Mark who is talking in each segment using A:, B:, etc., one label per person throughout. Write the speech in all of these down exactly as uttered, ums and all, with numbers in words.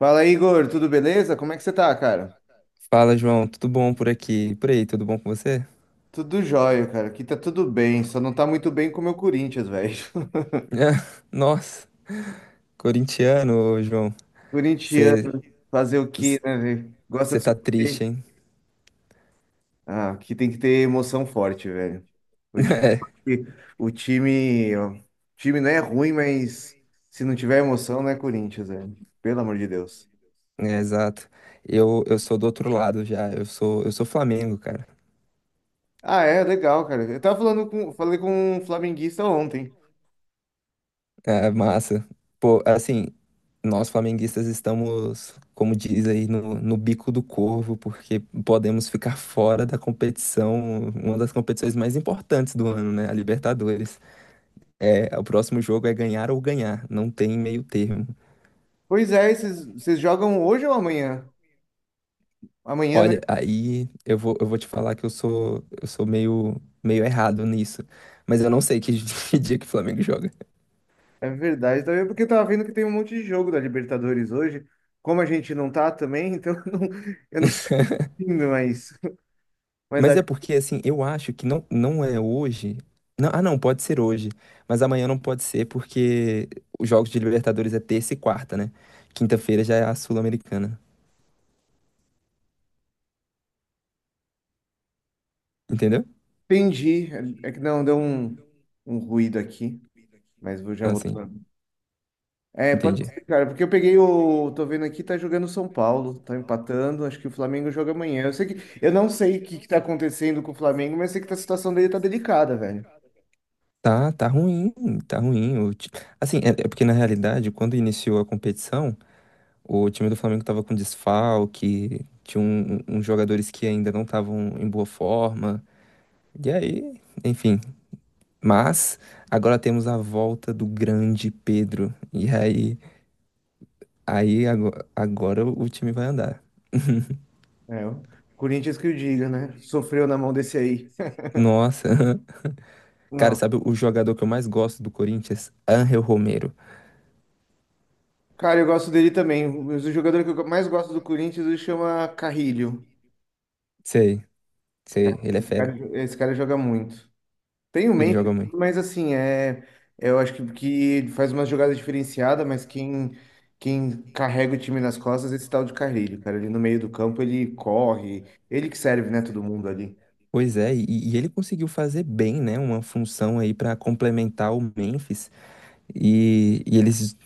A: Fala, Igor, tudo beleza? Como é que você tá, cara?
B: Fala, João. Tudo bom por aqui? Por aí, tudo bom com você?
A: Tudo jóia, cara. Aqui tá tudo bem, só não tá muito bem com o meu Corinthians, velho.
B: Nossa, corintiano, ô, João. Você
A: Corintiano, fazer o quê, né, velho? Gosta
B: você
A: de
B: tá triste,
A: sofrer.
B: hein?
A: Ah, aqui tem que ter emoção forte, velho. Eu te O time, ó, o time não é ruim, mas se não tiver emoção, não é Corinthians, velho. Pelo amor de Deus.
B: É, é, exato. Eu, eu sou do outro lado já. Eu sou eu sou Flamengo, cara.
A: Ah, é, legal, cara. Eu tava falando com, falei com um flamenguista ontem.
B: É, é massa. Pô, assim, nós flamenguistas estamos, como diz aí, no, no bico do corvo, porque podemos ficar fora da competição, uma das competições mais importantes do ano, né? A Libertadores. É, o próximo jogo é ganhar ou ganhar, não tem meio termo.
A: Pois é, vocês vocês jogam hoje ou amanhã? Amanhã, né?
B: Olha, aí eu vou, eu vou te falar que eu sou, eu sou meio, meio errado nisso, mas eu não sei que, que dia que o Flamengo joga.
A: É verdade, também porque eu tava vendo que tem um monte de jogo da Libertadores hoje. Como a gente não tá também, então eu não, eu não fico indo, mas, mas
B: Mas é
A: acho
B: porque, assim, eu acho que não, não é hoje. Não, ah, não, pode ser hoje, mas amanhã não pode ser porque os jogos de Libertadores é terça e quarta, né? Quinta-feira já é a Sul-Americana, entendeu?
A: que entendi. É que não, deu um, um ruído aqui, mas vou já
B: Então, assim,
A: voltando. É, pode
B: entendi.
A: ser, cara, porque eu peguei o. Tô vendo aqui, tá jogando o São Paulo, tá empatando. Acho que o Flamengo joga amanhã. Eu sei que. Eu não sei o que que tá acontecendo com o Flamengo, mas sei que a situação dele tá delicada, velho.
B: Tá, tá ruim, tá ruim. O ti- Assim, é, é porque na realidade, quando iniciou a competição, o time do Flamengo estava com desfalque, tinha um- um- uns jogadores que ainda não estavam em boa forma. E aí, enfim. Mas agora temos a volta do grande Pedro. E aí, aí ago- agora, o time vai andar.
A: É, o Corinthians que o diga, né? Sofreu na mão desse aí.
B: Nossa, cara,
A: Não.
B: sabe o jogador que eu mais gosto do Corinthians? Angel Romero.
A: Cara, eu gosto dele também. Mas o jogador que eu mais gosto do Corinthians ele chama Carrilho.
B: Sei, sei,
A: Cara,
B: ele é
A: Esse
B: fera.
A: cara, esse cara joga muito. Tem o
B: Ele
A: Memphis,
B: joga muito.
A: mas assim, é, eu acho que, que ele faz uma jogada diferenciada, mas quem, quem carrega o time nas costas é esse tal de Carrilho, cara. Ele no meio do campo, ele corre, ele que serve, né, todo mundo ali.
B: Pois é, e, e ele conseguiu fazer bem, né? Uma função aí para complementar o Memphis. E, e eles.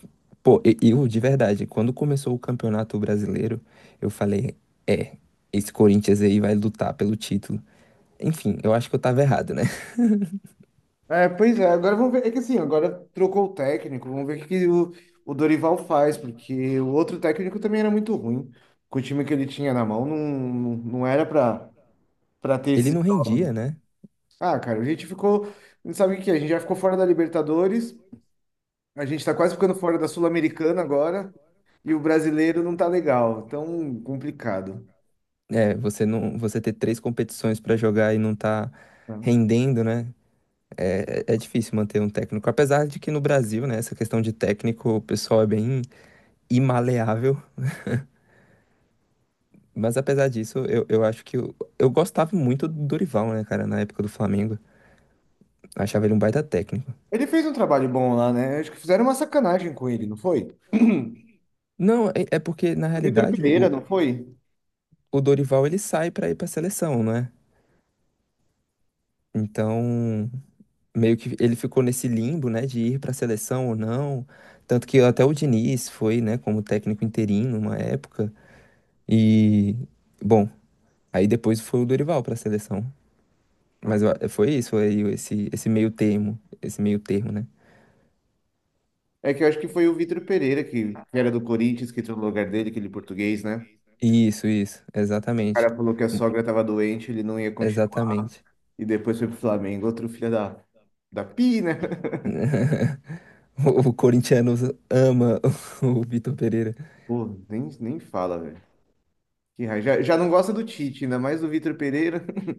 B: Pô, e- eu, de verdade, quando começou o Campeonato Brasileiro, eu falei: é, esse Corinthians aí vai lutar pelo título. Enfim, eu acho que eu tava errado, né?
A: É, pois é, agora vamos ver. É que assim, agora trocou o técnico, vamos ver o que que o, o Dorival faz, porque o outro técnico também era muito ruim. Com o time que ele tinha na mão, não, não não era pra, pra ter
B: Ele
A: esses
B: não
A: jogos.
B: rendia, né?
A: Ah, cara, a gente ficou. Não sabe o que que é? A gente já ficou fora da Libertadores, a gente tá quase ficando fora da Sul-Americana agora, e o brasileiro não tá legal, tão complicado.
B: É, você não, você ter três competições pra jogar e não tá
A: Né?
B: rendendo, né? É, é é difícil manter um técnico. Apesar de que no Brasil, né, essa questão de técnico, o pessoal é bem imaleável. Mas apesar disso, eu, eu acho que eu, eu gostava muito do Dorival, né, cara, na época do Flamengo. Eu achava ele um baita técnico.
A: Ele fez um trabalho bom lá, né? Acho que fizeram uma sacanagem com ele, não foi?
B: Não, é, é porque na
A: O Vitor
B: realidade
A: Pereira,
B: o,
A: não foi?
B: o Dorival ele sai pra ir pra seleção, não é? Então, meio que ele ficou nesse limbo, né, de ir pra seleção ou não. Tanto que até o Diniz foi, né, como técnico interino uma época. E, bom, aí depois foi o Dorival pra seleção. Mas eu a- foi isso, aí esse, esse meio termo, esse meio termo, né?
A: É que eu acho que foi o Vitor Pereira, que, que era do Corinthians, que entrou no lugar dele, aquele português, né? O
B: Isso, isso, exatamente.
A: cara falou que a sogra tava doente, ele não ia continuar.
B: Exatamente.
A: E depois foi pro Flamengo, outro filho da, da Pi, né?
B: O o corintiano ama o Vitor Pereira.
A: Pô, nem, nem fala, velho. Que raiva. Já, já não gosta do Tite, ainda mais do Vitor Pereira.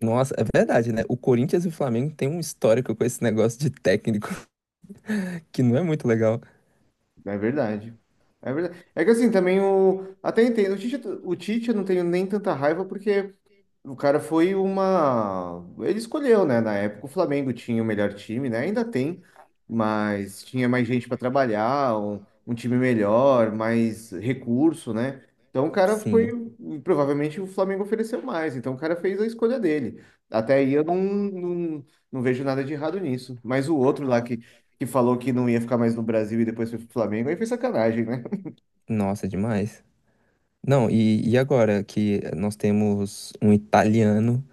B: Nossa, é verdade, né? O Corinthians e o Flamengo têm um histórico com esse negócio de técnico que não é muito legal.
A: É verdade. É verdade. É que assim, também o. Até entendo. O Tite, o Tite eu não tenho nem tanta raiva, porque O cara foi uma. Ele escolheu, né? Na época o Flamengo tinha o melhor time, né? Ainda tem, mas tinha mais gente para trabalhar, um, um time melhor, mais recurso, né? Então o cara foi.
B: Sim,
A: Provavelmente o Flamengo ofereceu mais, então o cara fez a escolha dele. Até aí eu não, não, não vejo nada de errado nisso. Mas o outro lá que, que falou que não ia ficar mais no Brasil e depois foi pro Flamengo, aí foi sacanagem, né?
B: nossa, é demais. Não, e, e agora que nós temos um italiano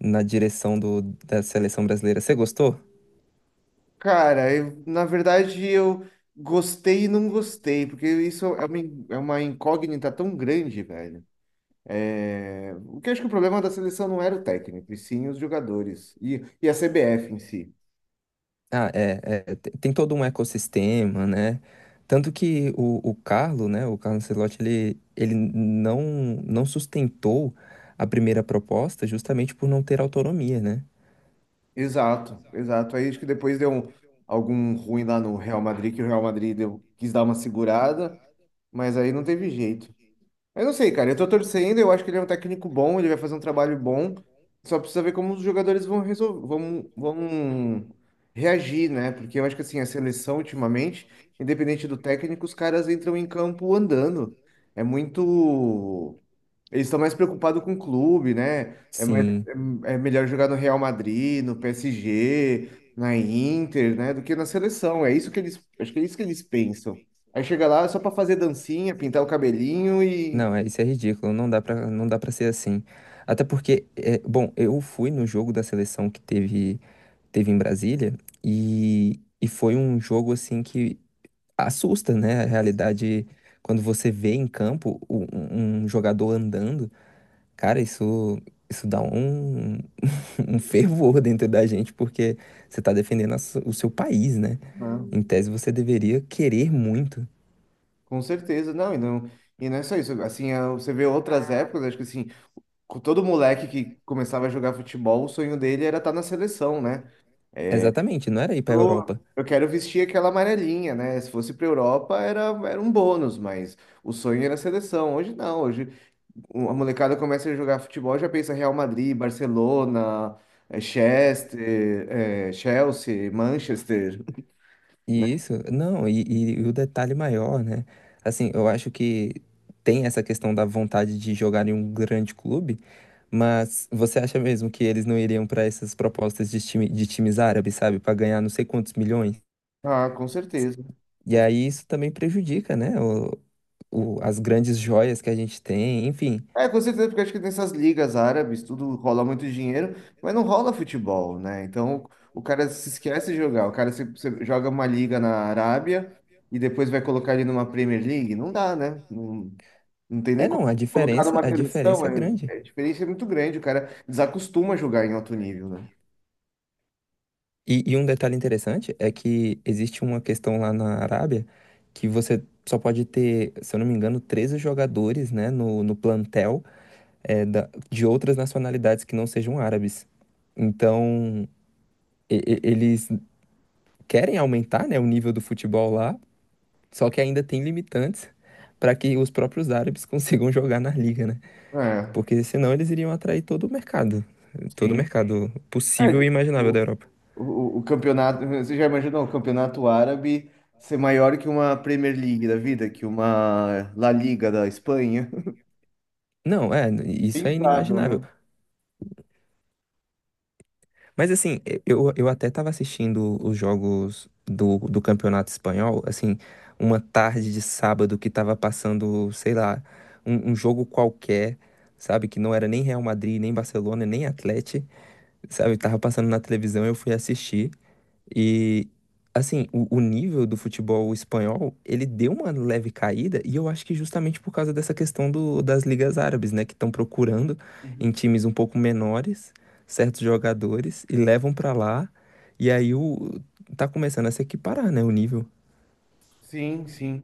B: na direção do, da seleção brasileira, você gostou?
A: Cara, eu- na verdade eu gostei e não gostei, porque isso é uma, in- é uma incógnita tão grande, velho. É, o que eu acho que o problema da seleção não era o técnico, e sim os jogadores e, e a C B F em si.
B: Ah, é, é, te- tem todo um ecossistema, né? Tanto que o, o Carlo, né, o Carlo Ancelotti, ele, ele não, não sustentou a primeira proposta justamente por não ter autonomia, né?
A: Exato, exato. Aí acho que depois deu um- algum ruim lá no Real Madrid, que o Real Madrid deu- quis dar uma segurada, mas aí não teve jeito. Eu não sei, cara. Eu tô torcendo, eu acho que ele é um técnico bom, ele vai fazer um trabalho bom. Só precisa ver como os jogadores vão resolver, vão, vão reagir, né? Porque eu acho que assim, a seleção ultimamente, independente do técnico, os caras entram em campo andando. É muito. Eles estão mais preocupados com o clube, né? É, mais,
B: Sim.
A: é, é melhor jogar no Real Madrid, no P S G, na Inter, né? Do que na seleção. É isso que eles. Acho que é isso que eles pensam. Aí chega lá só pra fazer dancinha, pintar o cabelinho e…
B: Não, é, isso é ridículo, não dá pra, não dá pra ser assim. Até porque, é, bom, eu fui no jogo da seleção que teve, teve em Brasília e, e foi um jogo assim que assusta, né? A realidade, quando você vê em campo o- um, um jogador andando, cara, isso, isso dá um, um fervor dentro da gente, porque você tá defendendo a su- o seu país, né?
A: Ah,
B: Em tese, você deveria querer muito.
A: com certeza, não, e não, e não é só isso, assim, a- você vê outras épocas, acho que assim, com todo moleque que começava a jogar futebol, o sonho dele era estar na seleção, né?
B: Exatamente, não era ir pra
A: Eu,
B: Europa.
A: eu quero vestir aquela amarelinha, né? Se fosse pra Europa era, era um bônus, mas o sonho era a seleção, hoje não, hoje o- a molecada começa a jogar futebol, já pensa Real Madrid, Barcelona, eh, Chester, eh, Chelsea, Manchester, né?
B: E isso, não, e, e- e o detalhe maior, né? Assim, eu acho que tem essa questão da vontade de jogar em um grande clube, mas você acha mesmo que eles não iriam para essas propostas de, time, de times árabes, sabe? Para ganhar não sei quantos milhões?
A: Ah, com certeza,
B: E
A: com.
B: aí isso também prejudica, né? O, o- as grandes joias que a gente tem, enfim.
A: É, com certeza, porque acho que nessas ligas árabes tudo rola muito dinheiro, mas não rola futebol, né? Então o cara se esquece de jogar. O cara se, se joga uma liga na Arábia e depois vai colocar ele numa Premier League. Não dá, né? Não, não tem nem
B: É, não, a
A: como colocar
B: diferença,
A: numa
B: a
A: seleção.
B: diferença é
A: É,
B: grande.
A: é, a diferença é muito grande. O cara desacostuma a jogar em alto nível, né?
B: E, e um detalhe interessante é que existe uma questão lá na Arábia que você só pode ter, se eu não me engano, treze jogadores, né, no, no plantel é, da- de outras nacionalidades que não sejam árabes. Então, e- e- eles querem aumentar, né, o nível do futebol lá, só que ainda tem limitantes para que os próprios árabes consigam jogar na liga, né?
A: É,
B: Porque senão eles iriam atrair todo o mercado, todo o
A: sim.
B: mercado possível
A: É,
B: e imaginável
A: o,
B: da Europa.
A: o, o campeonato, você já imaginou o campeonato árabe ser maior que uma Premier League da vida, que uma La Liga da Espanha?
B: Não, é, isso é
A: Pensável,
B: inimaginável.
A: né?
B: Mas assim, eu, eu até estava assistindo os jogos do, do Campeonato Espanhol, assim, uma tarde de sábado que estava passando, sei lá, um, um jogo qualquer, sabe? Que não era nem Real Madrid, nem Barcelona, nem Atlético, sabe? Tava passando na televisão, eu fui assistir. E assim, o, o nível do futebol espanhol, ele deu uma leve caída, e eu acho que justamente por causa dessa questão do, das ligas árabes, né, que estão procurando em times um pouco menores certos jogadores e levam pra lá, e aí o tá começando a se equiparar, né, o nível.
A: Sim, sim.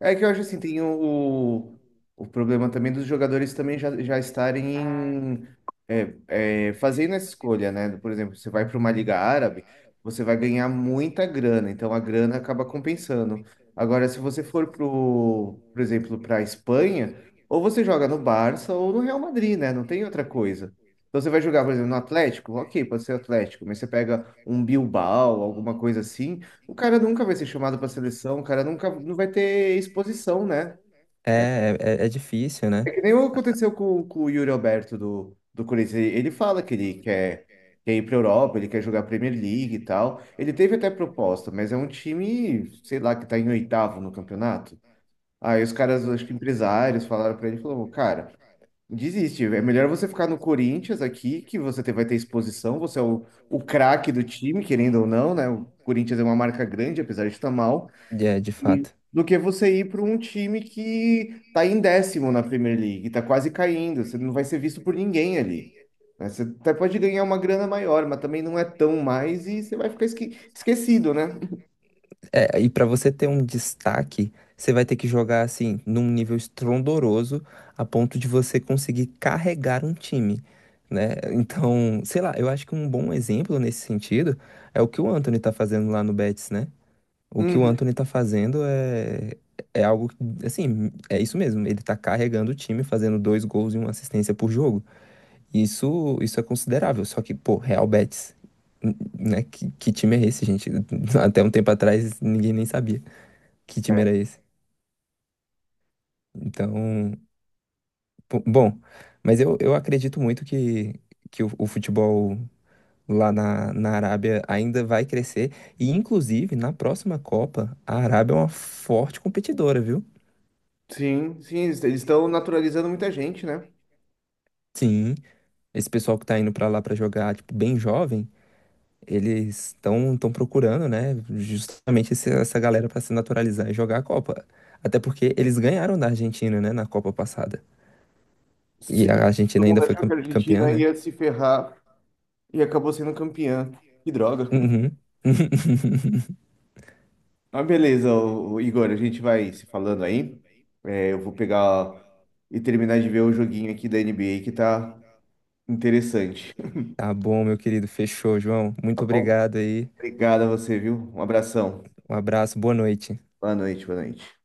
A: É que eu acho assim, tem o, o problema também dos jogadores também já, já estarem em- é, é, fazendo essa escolha, né? Por exemplo, você vai para uma liga árabe, você vai ganhar muita grana, então a grana acaba compensando. Agora, se você for pro, por exemplo, para a Espanha, ou você joga no Barça ou no Real Madrid, né? Não tem outra coisa. Então você vai jogar, por exemplo, no Atlético, ok, pode ser Atlético, mas você pega um Bilbao, alguma coisa assim. O cara nunca vai ser chamado para seleção, o cara nunca não vai ter exposição, né?
B: É, é, é difícil, né?
A: É que nem o que aconteceu com, com o Yuri Alberto do, do Corinthians. Ele, ele fala que ele quer, quer ir para Europa, ele quer jogar Premier League e tal. Ele teve até proposta, mas é um time, sei lá, que tá em oitavo no campeonato. Aí os caras, acho que empresários, falaram para ele, falou, cara, desiste, é melhor você ficar no Corinthians aqui, que você te- vai ter exposição, você é o, o craque do time, querendo ou não, né? O Corinthians é uma marca grande, apesar de estar mal.
B: É, de fato.
A: Do que você ir para um time que tá em décimo na Premier League, tá quase caindo, você não vai ser visto por ninguém ali. Né? Você até pode ganhar uma grana maior, mas também não é tão mais e você vai ficar esque- esquecido, né?
B: É, e para você ter um destaque, você vai ter que jogar assim num nível estrondoroso a ponto de você conseguir carregar um time, né? Então, sei lá, eu acho que um bom exemplo nesse sentido é o que o Anthony tá fazendo lá no Betis, né? O que o
A: Uhum.
B: Anthony tá fazendo é é algo que, assim, é isso mesmo, ele tá carregando o time, fazendo dois gols e uma assistência por jogo. Isso isso é considerável, só que, pô, Real Betis, n- né? Que, que time é esse, gente? Até um tempo atrás ninguém nem sabia que
A: É.
B: time era esse? Então, bo- bom, mas eu, eu acredito muito que, que o, o futebol lá na, na Arábia ainda vai crescer. E, inclusive, na próxima Copa, a Arábia é uma forte competidora, viu?
A: Sim, sim, eles eles estão naturalizando muita gente, né?
B: Sim, esse pessoal que tá indo pra lá pra jogar, tipo, bem jovem, eles estão estão procurando, né, justamente esse- essa galera pra se naturalizar e jogar a Copa. Até porque eles ganharam da Argentina, né, na Copa passada.
A: Sim,
B: E a Argentina
A: todo
B: ainda
A: mundo
B: foi
A: achou que
B: cam-
A: a
B: campeã,
A: Argentina
B: né?
A: ia se ferrar e acabou sendo campeã. Que droga.
B: Uhum.
A: Mas beleza, o, Igor, a gente vai se falando aí. É, eu vou pegar e terminar de ver o joguinho aqui da N B A que tá interessante.
B: Tá bom, meu querido. Fechou, João.
A: Tá
B: Muito
A: bom?
B: obrigado aí.
A: Obrigado a você, viu? Um abração.
B: Um abraço, boa noite.
A: Boa noite, boa noite.